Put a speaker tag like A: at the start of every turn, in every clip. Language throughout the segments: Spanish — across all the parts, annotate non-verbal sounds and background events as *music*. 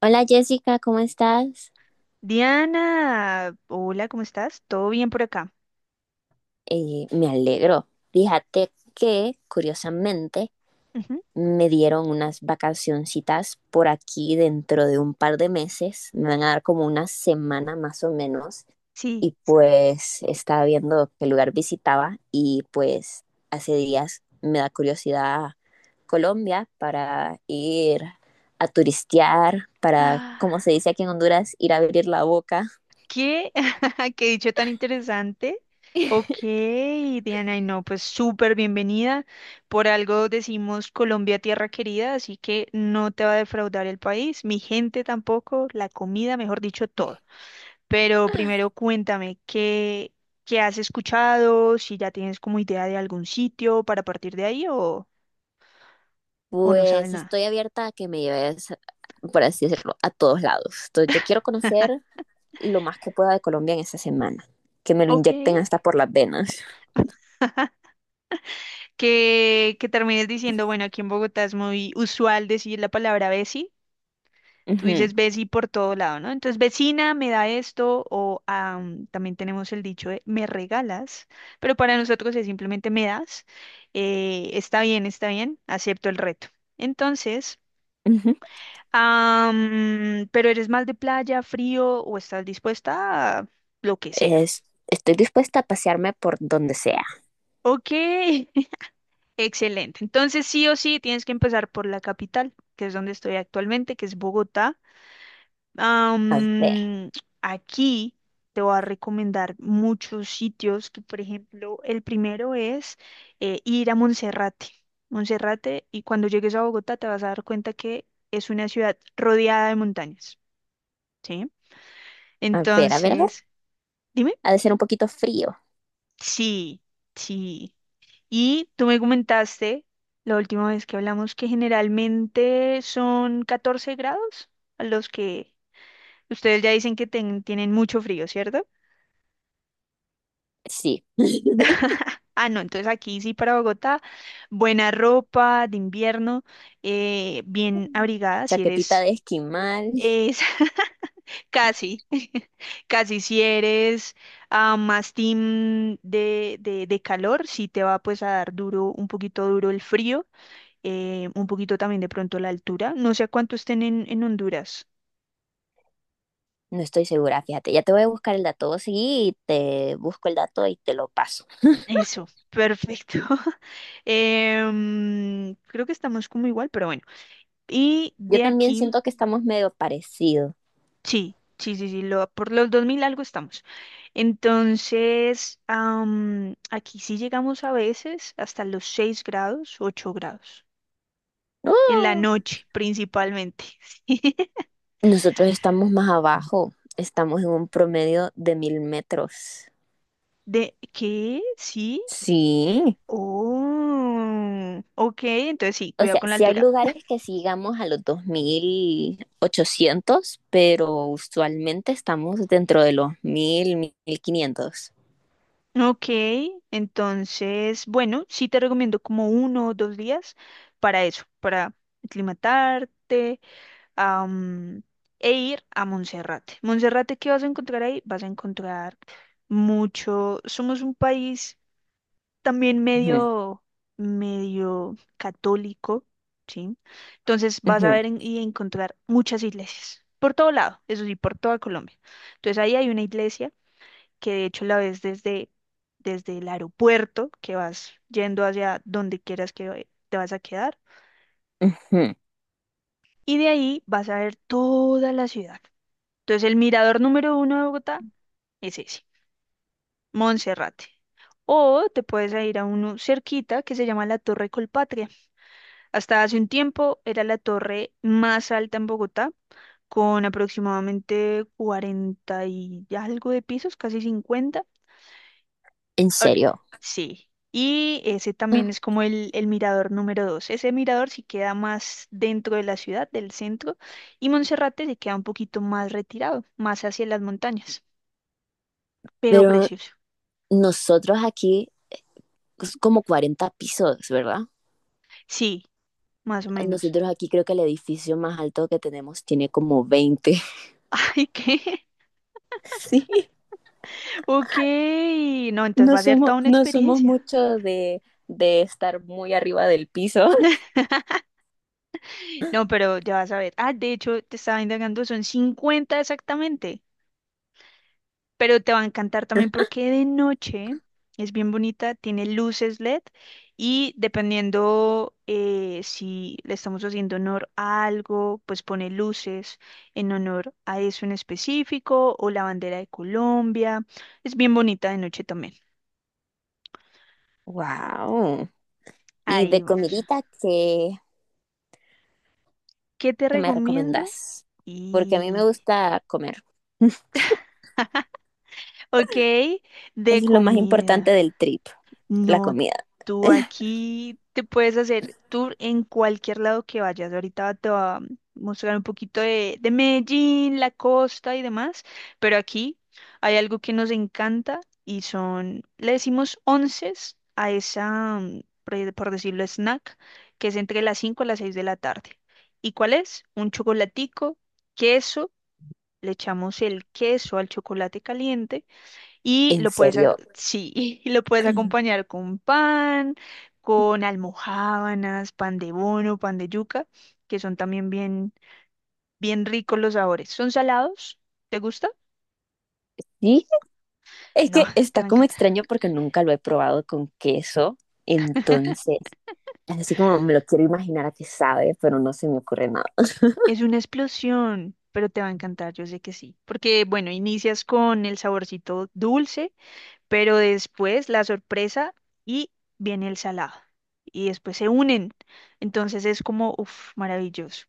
A: Hola Jessica, ¿cómo estás?
B: Diana, hola, ¿cómo estás? ¿Todo bien por acá?
A: Me alegro. Fíjate que, curiosamente,
B: Ujú.
A: me dieron unas vacacioncitas por aquí dentro de un par de meses. Me van a dar como una semana más o menos.
B: Sí.
A: Y pues estaba viendo qué lugar visitaba y pues hace días me da curiosidad Colombia para ir a turistear, para,
B: Ah,
A: como se dice aquí en Honduras, ir a abrir la boca.
B: ¿qué? *laughs* ¿Qué dicho tan interesante? Ok, Diana, y no, pues súper bienvenida. Por algo decimos Colombia tierra querida, así que no te va a defraudar el país, mi gente tampoco, la comida, mejor dicho, todo. Pero primero cuéntame, ¿qué has escuchado? Si ya tienes como idea de algún sitio para partir de ahí o no sabes
A: Pues
B: nada.
A: estoy abierta a que me lleves, por así decirlo, a todos lados. Entonces, yo quiero conocer lo más que pueda de Colombia en esta semana, que me lo
B: Ok.
A: inyecten hasta por las venas.
B: Que termines diciendo, bueno, aquí en Bogotá es muy usual decir la palabra veci. Tú
A: Ujú,
B: dices veci por todo lado, ¿no? Entonces, vecina, me da esto, o también tenemos el dicho de me regalas, pero para nosotros es simplemente me das. Está bien, está bien, acepto el reto. Entonces,
A: ujú.
B: pero eres más de playa, frío, o estás dispuesta a lo que sea.
A: Estoy dispuesta a pasearme por donde sea.
B: Ok. *laughs* Excelente. Entonces, sí o sí, tienes que empezar por la capital, que es donde estoy actualmente, que es Bogotá.
A: A ver,
B: Am, Aquí te voy a recomendar muchos sitios, que por ejemplo, el primero es ir a Monserrate. Monserrate, y cuando llegues a Bogotá te vas a dar cuenta que es una ciudad rodeada de montañas, ¿sí?
A: a ver, a ver, a ver.
B: Entonces, dime.
A: Ha de ser un poquito frío.
B: Sí, sí. Y tú me comentaste la última vez que hablamos que generalmente son 14 grados a los que ustedes ya dicen que tienen mucho frío, ¿cierto?
A: Sí. *laughs*
B: Ah, no, entonces aquí sí para Bogotá, buena ropa de invierno, bien abrigada si
A: Chaquetita
B: eres,
A: de esquimal.
B: es *laughs* casi, *laughs* casi si eres más team de calor, sí te va pues a dar duro, un poquito duro el frío un poquito también de pronto la altura. No sé a cuánto estén en Honduras.
A: No estoy segura, fíjate. Ya te voy a buscar el dato. Vos seguí y te busco el dato y te lo paso.
B: Eso, perfecto. *laughs* Creo que estamos como igual, pero bueno. Y
A: Yo
B: de
A: también
B: aquí,
A: siento que estamos medio parecidos.
B: sí, sí, sí, sí, por los 2000 algo estamos. Entonces, aquí sí llegamos a veces hasta los 6 grados, 8 grados. En la
A: ¡No!
B: noche, principalmente. *laughs*
A: Nosotros estamos más abajo, estamos en un promedio de mil metros.
B: ¿De qué? ¿Sí?
A: Sí.
B: Oh, ok, entonces sí,
A: O
B: cuidado
A: sea,
B: con la
A: sí hay
B: altura.
A: lugares que sí llegamos a los 2800, pero usualmente estamos dentro de los mil, 1500.
B: Ok, entonces, bueno, sí te recomiendo como uno o dos días para eso, para aclimatarte, am, e ir a Monserrate. Monserrate, ¿qué vas a encontrar ahí? Vas a encontrar mucho. Somos un país también
A: Ujú,
B: medio, medio católico, ¿sí? Entonces vas a
A: ujú,
B: ver y encontrar muchas iglesias, por todo lado, eso sí, por toda Colombia. Entonces ahí hay una iglesia que de hecho la ves desde el aeropuerto, que vas yendo hacia donde quieras que te vas a quedar,
A: ujú.
B: y de ahí vas a ver toda la ciudad. Entonces el mirador número uno de Bogotá es ese, Monserrate. O te puedes a ir a uno cerquita que se llama la Torre Colpatria. Hasta hace un tiempo era la torre más alta en Bogotá, con aproximadamente 40 y algo de pisos, casi 50
A: En
B: ahori-
A: serio.
B: sí. Y ese también
A: Ah,
B: es como el mirador número dos. Ese mirador sí queda más dentro de la ciudad, del centro, y Monserrate se queda un poquito más retirado, más hacia las montañas, pero
A: pero
B: precioso.
A: nosotros aquí, es como 40 pisos, ¿verdad?
B: Sí, más o menos.
A: Nosotros aquí creo que el edificio más alto que tenemos tiene como 20.
B: *laughs* ¿Y qué?
A: *laughs* Sí.
B: Ok. No, entonces
A: No
B: va a ser
A: somos,
B: toda una
A: no somos
B: experiencia.
A: mucho de estar muy arriba del piso. *laughs*
B: *laughs* No, pero ya vas a ver. Ah, de hecho, te estaba indagando, son 50 exactamente. Pero te va a encantar también porque de noche es bien bonita, tiene luces LED y dependiendo si le estamos haciendo honor a algo, pues pone luces en honor a eso en específico o la bandera de Colombia. Es bien bonita de noche también.
A: Wow. ¿Y de
B: Ahí vamos.
A: comidita qué,
B: ¿Qué te
A: qué me
B: recomiendo?
A: recomendás? Porque a mí me
B: Y,
A: gusta comer. *laughs*
B: ok, de
A: Eso es lo más importante
B: comida.
A: del trip, la
B: No,
A: comida.
B: tú aquí te puedes hacer tour en cualquier lado que vayas. Ahorita te voy a mostrar un poquito de Medellín, la costa y demás, pero aquí hay algo que nos encanta y son, le decimos onces a esa, por decirlo, snack, que es entre las 5 y las 6 de la tarde. ¿Y cuál es? Un chocolatico, queso, le echamos el queso al chocolate caliente y
A: En
B: lo puedes,
A: serio.
B: sí, *laughs* y lo puedes acompañar con pan, con almojábanas, pan de bono, pan de yuca, que son también bien, bien ricos los sabores. ¿Son salados? ¿Te gusta?
A: Sí, es
B: No,
A: que
B: *laughs* te
A: está
B: va a
A: como
B: encantar.
A: extraño porque nunca lo he probado con queso. Entonces, así como me lo quiero imaginar a qué sabe, pero no se me ocurre nada.
B: Es una explosión, pero te va a encantar, yo sé que sí. Porque, bueno, inicias con el saborcito dulce, pero después la sorpresa y viene el salado. Y después se unen. Entonces es como, uff, maravilloso.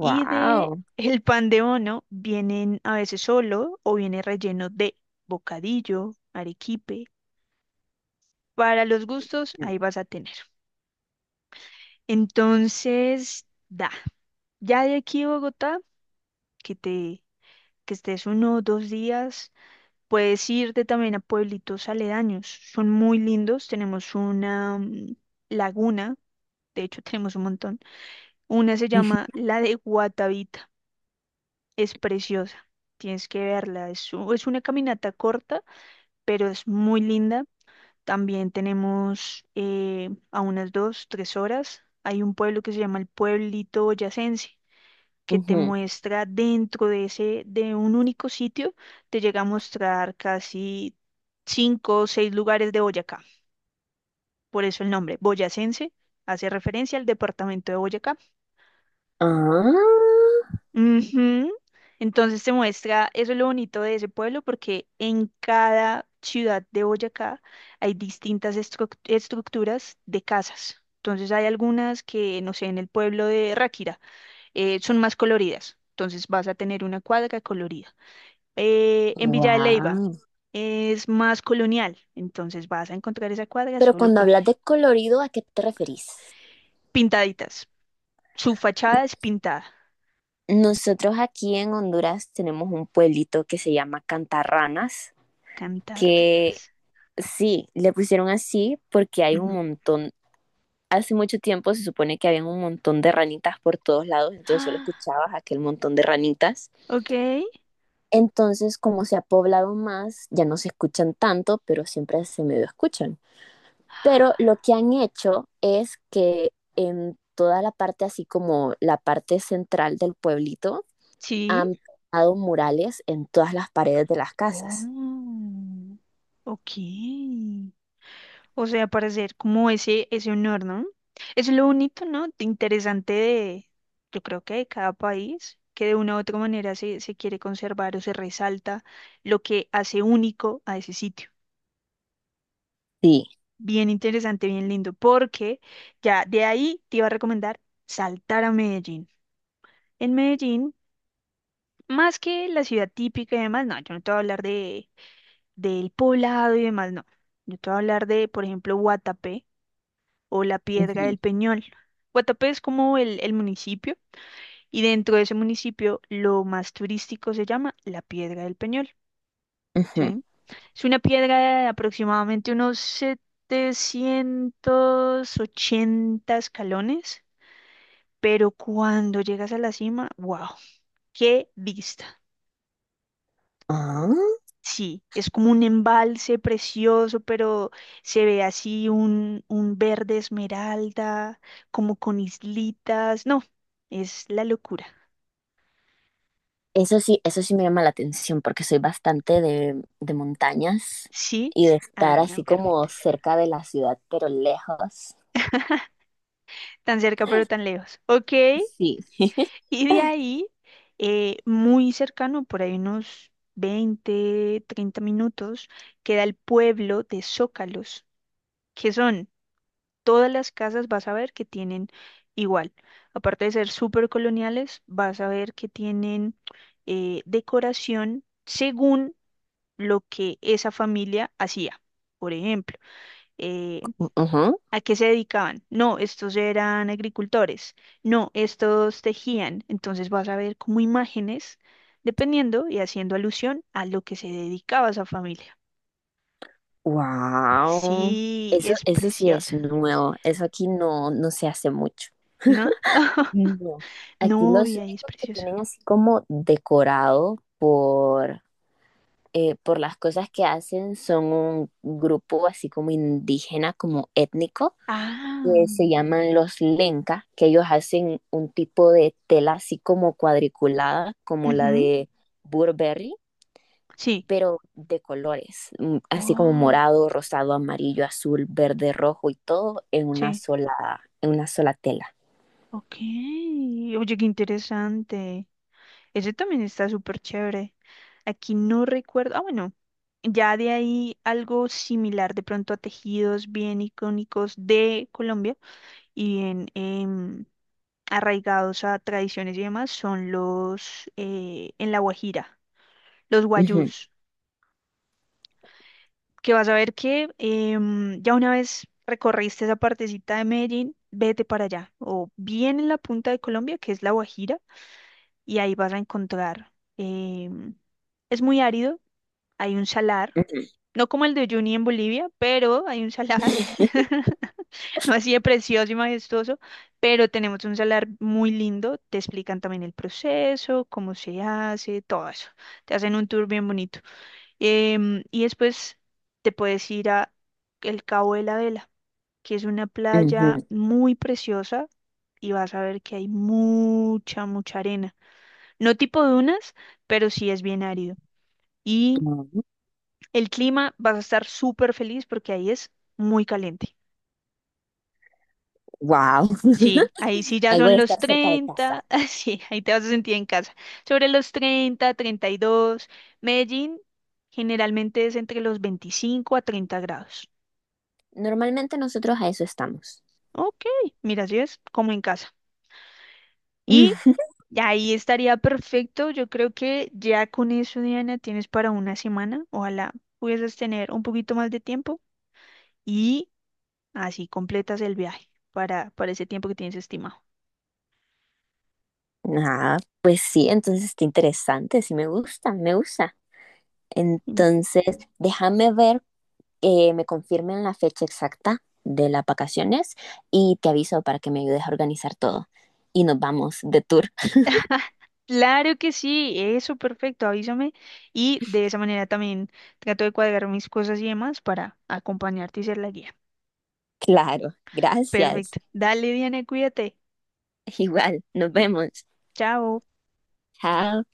B: Y de el pan de bono vienen a veces solo o viene relleno de bocadillo, arequipe. Para los gustos, ahí vas a tener. Entonces, da. Ya de aquí a Bogotá, que te que estés uno o dos días, puedes irte también a pueblitos aledaños. Son muy lindos. Tenemos una laguna, de hecho *laughs* tenemos un montón. Una se
A: *laughs*
B: llama la de Guatavita. Es preciosa, tienes que verla. Es una caminata corta, pero es muy linda. También tenemos a unas 2, 3 horas. Hay un pueblo que se llama el Pueblito Boyacense, que te
A: Ujú.
B: muestra dentro de un único sitio, te llega a mostrar casi cinco o seis lugares de Boyacá. Por eso el nombre, Boyacense, hace referencia al departamento de Boyacá.
A: Ah,
B: Ujú. Entonces se muestra, eso es lo bonito de ese pueblo, porque en cada ciudad de Boyacá hay distintas estructuras de casas. Entonces hay algunas que, no sé, en el pueblo de Ráquira son más coloridas. Entonces vas a tener una cuadra colorida. En Villa de Leyva
A: wow.
B: es más colonial. Entonces vas a encontrar esa cuadra
A: Pero
B: solo
A: cuando hablas
B: colonial.
A: de colorido, ¿a qué te referís?
B: Pintaditas. Su fachada es pintada.
A: Nosotros aquí en Honduras tenemos un pueblito que se llama Cantarranas, que
B: Cantarranas.
A: sí, le pusieron así porque hay un
B: Ujú. *gasps*
A: montón, hace mucho tiempo se supone que había un montón de ranitas por todos lados, entonces solo
B: Ah,
A: escuchabas aquel montón de ranitas.
B: ok.
A: Entonces, como se ha poblado más, ya no se escuchan tanto, pero siempre se medio escuchan. Pero lo que han hecho es que en toda la parte, así como la parte central del pueblito,
B: Sí.
A: han pintado murales en todas las paredes de las casas.
B: Oh, ok. O sea, para hacer como ese honor, ¿no? Eso es lo bonito, ¿no? de interesante de, yo creo que de cada país, que de una u otra manera se quiere conservar o se resalta lo que hace único a ese sitio.
A: Sí.
B: Bien interesante, bien lindo, porque ya de ahí te iba a recomendar saltar a Medellín. En Medellín, más que la ciudad típica y demás, no, yo no te voy a hablar del poblado y demás, no. Yo te voy a hablar de, por ejemplo, Guatapé o la Piedra
A: Ujú,
B: del Peñol. Guatapé es como el municipio y dentro de ese municipio lo más turístico se llama la Piedra del Peñol,
A: ujú.
B: ¿sí? Es una piedra de aproximadamente unos 780 escalones, pero cuando llegas a la cima, wow, qué vista.
A: Ah,
B: Sí, es como un embalse precioso, pero se ve así un verde esmeralda, como con islitas. No, es la locura.
A: eso sí, eso sí me llama la atención porque soy bastante de montañas
B: Sí,
A: y de
B: ah,
A: estar así
B: no,
A: como
B: perfecto.
A: cerca de la ciudad, pero lejos.
B: Tan cerca, pero tan lejos. Ok,
A: Sí.
B: y de ahí, muy cercano, por ahí unos 20, 30 minutos, queda el pueblo de Zócalos, que son Todas las casas vas a ver que tienen igual. Aparte de ser súper coloniales, vas a ver que tienen decoración según lo que esa familia hacía. Por ejemplo, eh, ¿a qué se dedicaban? No, estos eran agricultores. No, estos tejían. Entonces vas a ver como imágenes, dependiendo y haciendo alusión a lo que se dedicaba esa familia.
A: Wow.
B: Sí,
A: Eso,
B: es
A: eso sí es
B: precioso,
A: nuevo. Eso aquí no, no se hace mucho.
B: ¿no? *laughs*
A: No, aquí
B: No,
A: los
B: y ahí es
A: únicos que
B: precioso.
A: tienen así como decorado por las cosas que hacen son un grupo así como indígena, como étnico,
B: Ah,
A: que se llaman los Lenca, que ellos hacen un tipo de tela así como cuadriculada, como la
B: ujú,
A: de Burberry,
B: sí.
A: pero de colores, así como
B: Oh,
A: morado, rosado, amarillo, azul, verde, rojo y todo
B: sí.
A: en una sola tela.
B: Ok. Oye, qué interesante. Ese también está súper chévere. Aquí no recuerdo. Ah, bueno. Ya de ahí algo similar de pronto a tejidos bien icónicos de Colombia y bien arraigados a tradiciones y demás son los en La Guajira, los guayús. Que vas a ver que ya una vez recorriste esa partecita de Medellín, vete para allá, o bien en la punta de Colombia, que es La Guajira, y ahí vas a encontrar, em, es muy árido, hay un salar, no como el de Uyuni en Bolivia, pero hay un salar,
A: *laughs*
B: *laughs* no así de precioso y majestuoso, pero tenemos un salar muy lindo, te explican también el proceso, cómo se hace, todo eso, te hacen un tour bien bonito. Y después te puedes ir a el Cabo de la Vela, que es una playa muy preciosa y vas a ver que hay mucha, mucha arena. No tipo dunas, pero sí es bien árido. Y el clima vas a estar súper feliz porque ahí es muy caliente.
A: Wow,
B: Sí, ahí sí ya
A: ahí voy a
B: son los
A: estar cerca de casa.
B: 30. *laughs* Sí, ahí te vas a sentir en casa. Sobre los 30, 32. Medellín generalmente es entre los 25 a 30 grados.
A: Normalmente nosotros a eso estamos.
B: Ok, mira, así es como en casa. Y
A: *laughs*
B: ahí estaría perfecto. Yo creo que ya con eso, Diana, tienes para una semana. Ojalá pudieses tener un poquito más de tiempo y así completas el viaje para ese tiempo que tienes estimado.
A: Ah, pues sí, entonces está interesante, sí me gusta, me gusta.
B: Mm.
A: Entonces, déjame ver que me confirmen la fecha exacta de las vacaciones y te aviso para que me ayudes a organizar todo. Y nos vamos de tour. *laughs*
B: *laughs* Claro que sí, eso perfecto, avísame. Y de esa manera también trato de cuadrar mis cosas y demás para acompañarte y ser la guía.
A: Claro, gracias.
B: Perfecto. Dale, Diana, cuídate.
A: Igual, nos vemos.
B: Chao.
A: Chao.